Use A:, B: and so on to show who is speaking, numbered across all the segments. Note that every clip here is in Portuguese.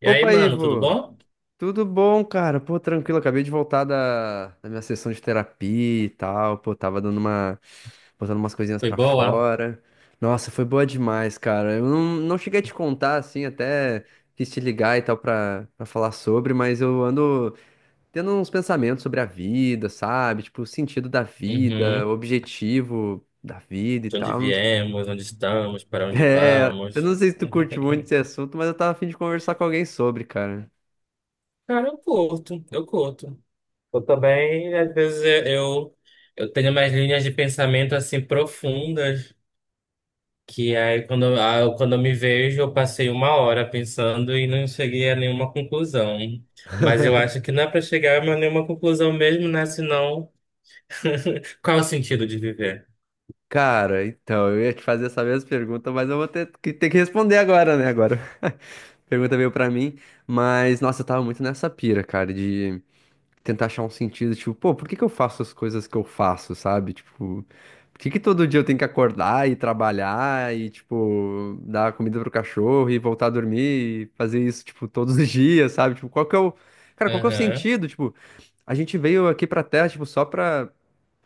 A: E aí,
B: Opa,
A: mano, tudo
B: Ivo!
A: bom?
B: Tudo bom, cara? Pô, tranquilo, acabei de voltar da minha sessão de terapia e tal. Pô, tava dando uma, botando umas coisinhas
A: Foi
B: pra
A: boa?
B: fora. Nossa, foi boa demais, cara. Eu não cheguei a te contar, assim, até quis te ligar e tal pra falar sobre, mas eu ando tendo uns pensamentos sobre a vida, sabe? Tipo, o sentido da vida, o
A: Uhum.
B: objetivo da vida e
A: De onde
B: tal.
A: viemos, onde estamos, para onde
B: É, eu
A: vamos?
B: não sei se tu curte muito esse assunto, mas eu tava a fim de conversar com alguém sobre, cara.
A: Cara, eu curto. Eu também, às vezes, eu tenho umas linhas de pensamento assim profundas, que aí quando eu me vejo, eu passei uma hora pensando e não cheguei a nenhuma conclusão. Mas eu acho que não é para chegar a nenhuma conclusão mesmo, né? Senão, qual é o sentido de viver?
B: Cara, então, eu ia te fazer essa mesma pergunta, mas eu vou ter que responder agora, né? Agora. Pergunta veio pra mim, mas nossa, eu tava muito nessa pira, cara, de tentar achar um sentido, tipo, pô, por que que eu faço as coisas que eu faço, sabe? Tipo, por que que todo dia eu tenho que acordar e trabalhar e, tipo, dar comida pro cachorro e voltar a dormir e fazer isso, tipo, todos os dias, sabe? Tipo, qual que é o. Cara, qual que é o
A: Aham.
B: sentido? Tipo, a gente veio aqui pra Terra, tipo,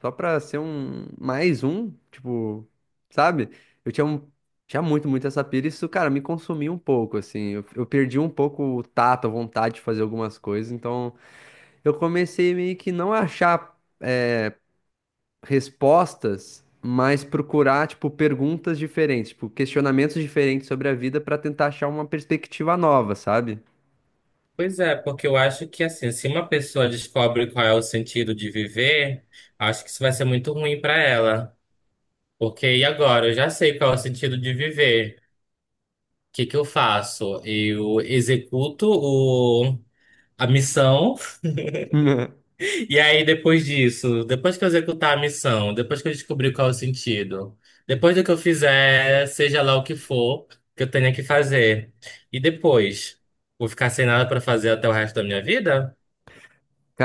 B: só pra ser um mais um, tipo, sabe? Eu tinha, tinha muito essa pira, e isso, cara, me consumiu um pouco, assim. Eu perdi um pouco o tato, a vontade de fazer algumas coisas, então eu comecei meio que não a achar respostas, mas procurar, tipo, perguntas diferentes, tipo, questionamentos diferentes sobre a vida pra tentar achar uma perspectiva nova, sabe?
A: Pois é, porque eu acho que assim, se uma pessoa descobre qual é o sentido de viver, acho que isso vai ser muito ruim para ela. Porque e agora? Eu já sei qual é o sentido de viver. O que que eu faço? Eu executo a missão, e aí depois disso, depois que eu executar a missão, depois que eu descobrir qual é o sentido, depois do que eu fizer, seja lá o que for que eu tenha que fazer, e depois, vou ficar sem nada para fazer até o resto da minha vida?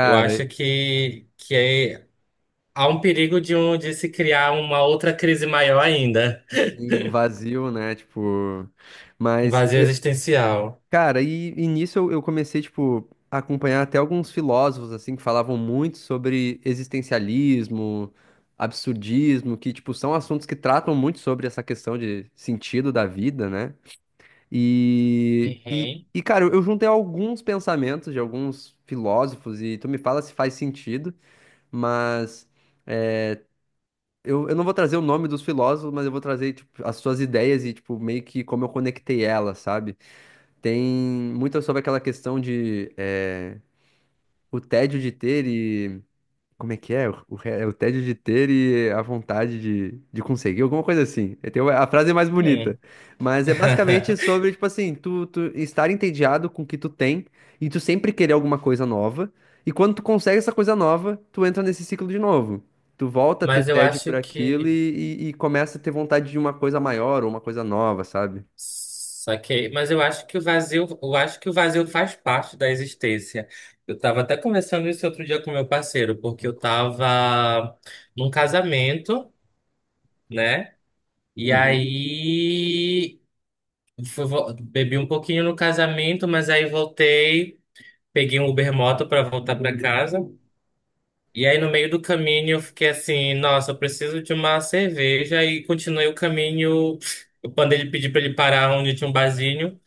A: Eu acho que há um perigo de de se criar uma outra crise maior ainda,
B: sim, um vazio, né? Tipo,
A: um
B: mas
A: vazio existencial.
B: cara, e nisso eu, comecei, tipo, a acompanhar até alguns filósofos, assim, que falavam muito sobre existencialismo, absurdismo, que, tipo, são assuntos que tratam muito sobre essa questão de sentido da vida, né? E, e,
A: Uhum.
B: e cara, eu juntei alguns pensamentos de alguns filósofos, e tu me fala se faz sentido, mas eu, não vou trazer o nome dos filósofos, mas eu vou trazer, tipo, as suas ideias e, tipo, meio que como eu conectei elas, sabe? Tem muito sobre aquela questão de o tédio de ter e. Como é que é? É o tédio de ter e a vontade de conseguir, alguma coisa assim. Tem a frase é mais bonita.
A: Hum.
B: Mas é basicamente sobre, tipo assim, tu estar entediado com o que tu tem e tu sempre querer alguma coisa nova. E quando tu consegue essa coisa nova, tu entra nesse ciclo de novo. Tu volta a ter
A: Mas eu
B: tédio por
A: acho
B: aquilo
A: que
B: e começa a ter vontade de uma coisa maior ou uma coisa nova, sabe?
A: saquei, mas eu acho que o vazio, eu acho que o vazio faz parte da existência. Eu estava até conversando isso outro dia com meu parceiro, porque eu estava num casamento, né? E
B: Uhum.
A: aí bebi um pouquinho no casamento, mas aí voltei. Peguei um Uber moto para voltar para casa. E aí, no meio do caminho, eu fiquei assim: nossa, eu preciso de uma cerveja. E continuei o caminho. Eu mandei ele pedir para ele parar onde tinha um barzinho.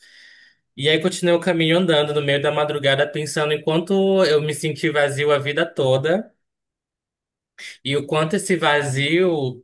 A: E aí, continuei o caminho andando no meio da madrugada, pensando em quanto eu me senti vazio a vida toda e o quanto esse vazio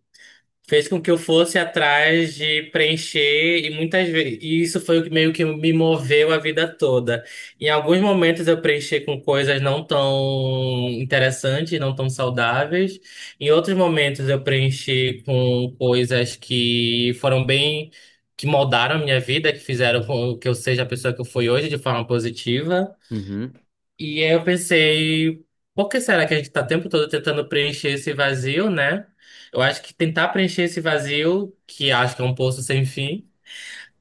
A: fez com que eu fosse atrás de preencher e muitas vezes e isso foi o que meio que me moveu a vida toda. Em alguns momentos eu preenchi com coisas não tão interessantes, não tão saudáveis. Em outros momentos eu preenchi com coisas que foram bem, que moldaram a minha vida, que fizeram com que eu seja a pessoa que eu fui hoje de forma positiva.
B: Uhum.
A: E aí eu pensei, por que será que a gente está o tempo todo tentando preencher esse vazio, né? Eu acho que tentar preencher esse vazio, que acho que é um poço sem fim,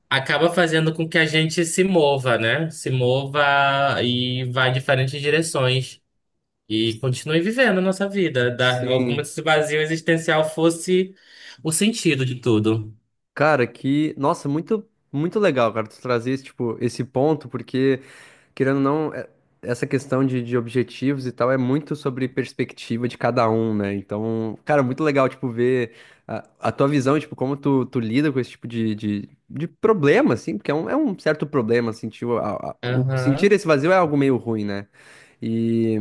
A: acaba fazendo com que a gente se mova, né? Se mova e vá em diferentes direções e continue vivendo a nossa vida, como
B: Sim.
A: se esse vazio existencial fosse o sentido de tudo.
B: Cara, que, nossa, muito legal, cara, tu trazer esse esse ponto, porque querendo ou não, essa questão de objetivos e tal é muito sobre perspectiva de cada um, né? Então, cara, muito legal, tipo, ver a tua visão, tipo, como tu lida com esse tipo de problema, assim, porque é um certo problema, sentir tipo, sentir
A: Aham.
B: esse vazio é algo meio ruim, né? E,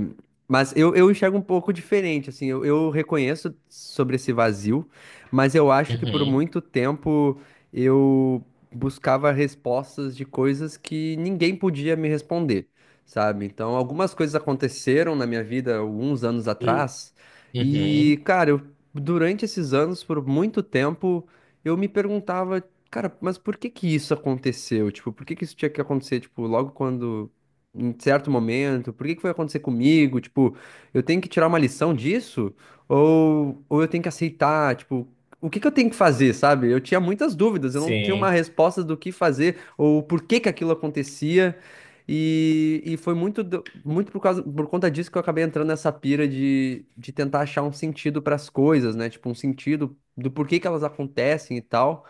B: mas eu, enxergo um pouco diferente, assim, eu reconheço sobre esse vazio, mas eu acho que por
A: Uhum.
B: muito tempo eu buscava respostas de coisas que ninguém podia me responder, sabe? Então, algumas coisas aconteceram na minha vida alguns anos atrás,
A: Uhum.
B: e, cara, eu, durante esses anos, por muito tempo, eu me perguntava, cara, mas por que que isso aconteceu? Tipo, por que que isso tinha que acontecer, tipo, logo quando. Em certo momento, por que que foi acontecer comigo? Tipo, eu tenho que tirar uma lição disso? Ou eu tenho que aceitar, tipo, o que que eu tenho que fazer, sabe? Eu tinha muitas dúvidas, eu não tinha uma
A: Sim,
B: resposta do que fazer ou por que que aquilo acontecia. E foi muito, muito por causa, por conta disso que eu acabei entrando nessa pira de tentar achar um sentido para as coisas, né? Tipo, um sentido do porquê que elas acontecem e tal.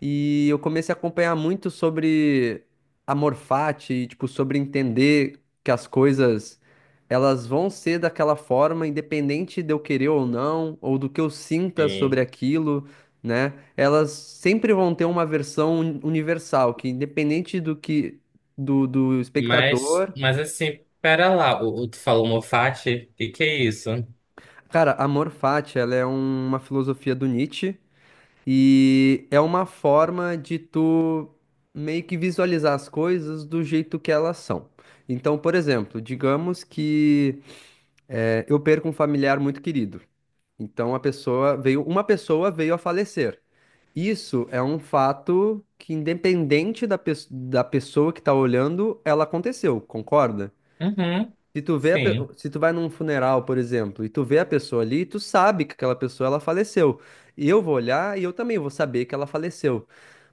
B: E eu comecei a acompanhar muito sobre amor fati, e, tipo, sobre entender que as coisas elas vão ser daquela forma, independente de eu querer ou não, ou do que eu sinta sobre
A: sim.
B: aquilo, né? Elas sempre vão ter uma versão universal, que independente do que do
A: Mas,
B: espectador.
A: pera lá, tu falou Moffat? O que que é isso?
B: Cara, amor fati, ela é uma filosofia do Nietzsche. E é uma forma de tu meio que visualizar as coisas do jeito que elas são. Então, por exemplo, digamos que eu perco um familiar muito querido. Então, a pessoa veio, uma pessoa veio a falecer. Isso é um fato que, independente da, da pessoa que tá olhando, ela aconteceu, concorda?
A: Uhum,
B: Se tu vê a
A: sim.
B: se tu vai num funeral, por exemplo, e tu vê a pessoa ali, tu sabe que aquela pessoa ela faleceu. E eu vou olhar e eu também vou saber que ela faleceu,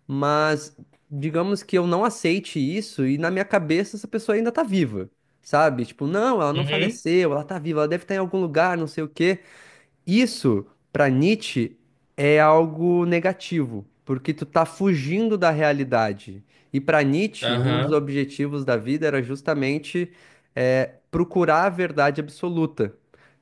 B: mas digamos que eu não aceite isso e na minha cabeça essa pessoa ainda tá viva, sabe? Tipo, não, ela não
A: Uhum,
B: faleceu, ela tá viva, ela deve estar em algum lugar, não sei o quê. Isso, para Nietzsche, é algo negativo, porque tu tá fugindo da realidade. E para Nietzsche, um dos
A: aham,
B: objetivos da vida era justamente procurar a verdade absoluta.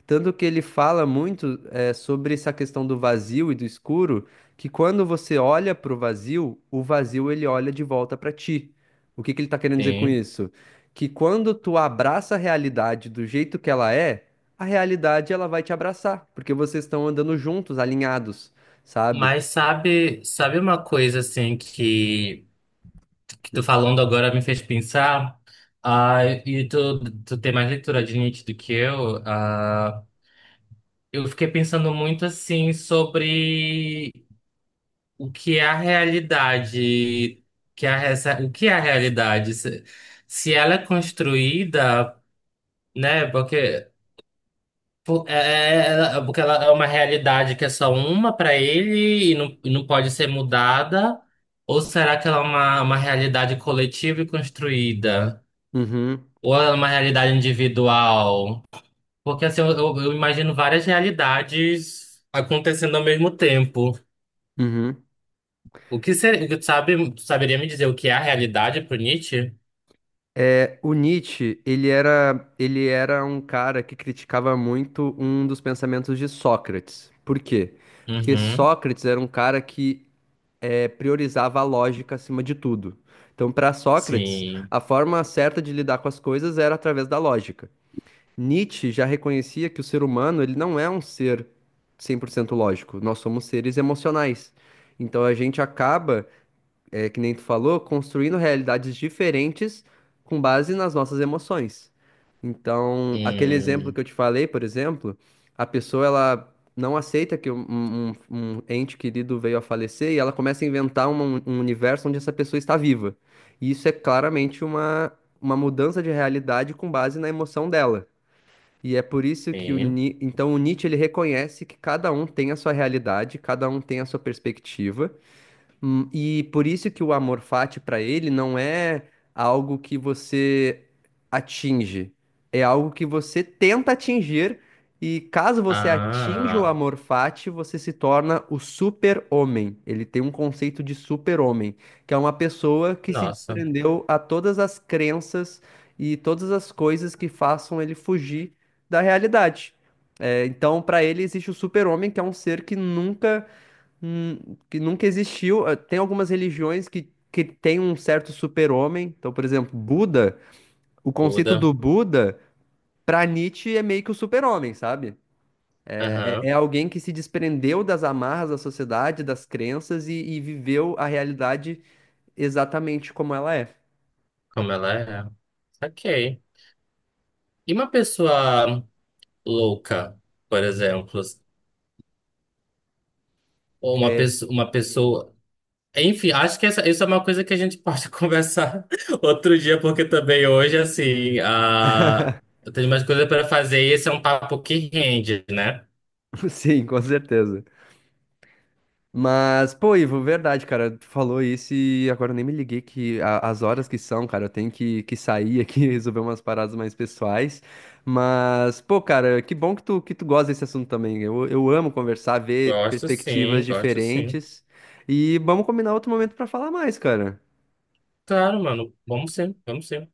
B: Tanto que ele fala muito sobre essa questão do vazio e do escuro, que quando você olha para o vazio ele olha de volta para ti. O que que ele está querendo dizer com
A: sim.
B: isso? Que quando tu abraça a realidade do jeito que ela é, a realidade ela vai te abraçar, porque vocês estão andando juntos, alinhados, sabe?
A: Mas sabe, sabe uma coisa assim que tu falando agora me fez pensar? Ah, e tu tem mais leitura de Nietzsche do que eu? Ah, eu fiquei pensando muito assim sobre o que é a realidade, que é a, essa- o que é a realidade? Se ela é construída. Né? Porque, porque ela é uma realidade que é só uma para ele e não pode ser mudada? Ou será que ela é uma realidade coletiva e construída?
B: Uhum,
A: Ou ela é uma realidade individual? Porque assim, eu imagino várias realidades acontecendo ao mesmo tempo.
B: uhum.
A: O que seria, tu sabe, tu saberia me dizer o que é a realidade pro Nietzsche?
B: É, o Nietzsche, ele era um cara que criticava muito um dos pensamentos de Sócrates. Por quê? Porque
A: Uhum,
B: Sócrates era um cara que priorizava a lógica acima de tudo. Então, para Sócrates,
A: sim.
B: a forma certa de lidar com as coisas era através da lógica. Nietzsche já reconhecia que o ser humano, ele não é um ser 100% lógico. Nós somos seres emocionais. Então a gente acaba, é, que nem tu falou, construindo realidades diferentes com base nas nossas emoções. Então, aquele exemplo
A: Hum,
B: que eu te falei, por exemplo, a pessoa ela não aceita que um ente querido veio a falecer e ela começa a inventar um universo onde essa pessoa está viva. E isso é claramente uma mudança de realidade com base na emoção dela. E é por isso que o
A: sim.
B: Então o Nietzsche ele reconhece que cada um tem a sua realidade, cada um tem a sua perspectiva. E por isso que o amor fati para ele não é algo que você atinge, é algo que você tenta atingir, e caso você atinja o
A: Ah,
B: amor fati, você se torna o super-homem. Ele tem um conceito de super-homem, que é uma pessoa que se
A: nossa,
B: desprendeu a todas as crenças e todas as coisas que façam ele fugir da realidade. É, então, para ele existe o super-homem, que é um ser que nunca. Hum, que nunca existiu. Tem algumas religiões que têm um certo super-homem. Então, por exemplo, Buda, o conceito
A: Buda.
B: do Buda, para Nietzsche, é meio que o super-homem, sabe? É, é
A: Aham,
B: alguém que se desprendeu das amarras da sociedade, das crenças e viveu a realidade exatamente como ela é.
A: como ela é. Saquei. E uma pessoa louca, por exemplo, ou
B: É,
A: uma pessoa, enfim, acho que essa, isso é uma coisa que a gente pode conversar outro dia, porque também hoje, assim, a... eu tenho umas coisas para fazer e esse é um papo que rende, né?
B: sim, com certeza. Mas, pô, Ivo, verdade, cara, tu falou isso e agora eu nem me liguei que as horas que são, cara, eu tenho que sair aqui e resolver umas paradas mais pessoais. Mas, pô, cara, que bom que tu gosta desse assunto também. Eu amo conversar, ver
A: Gosto
B: perspectivas
A: sim, gosto sim.
B: diferentes. E vamos combinar outro momento pra falar mais, cara.
A: Claro, mano, vamos sim, vamos sim.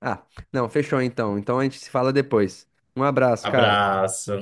B: Ah, não, fechou então. Então a gente se fala depois. Um abraço, cara.
A: Abraço.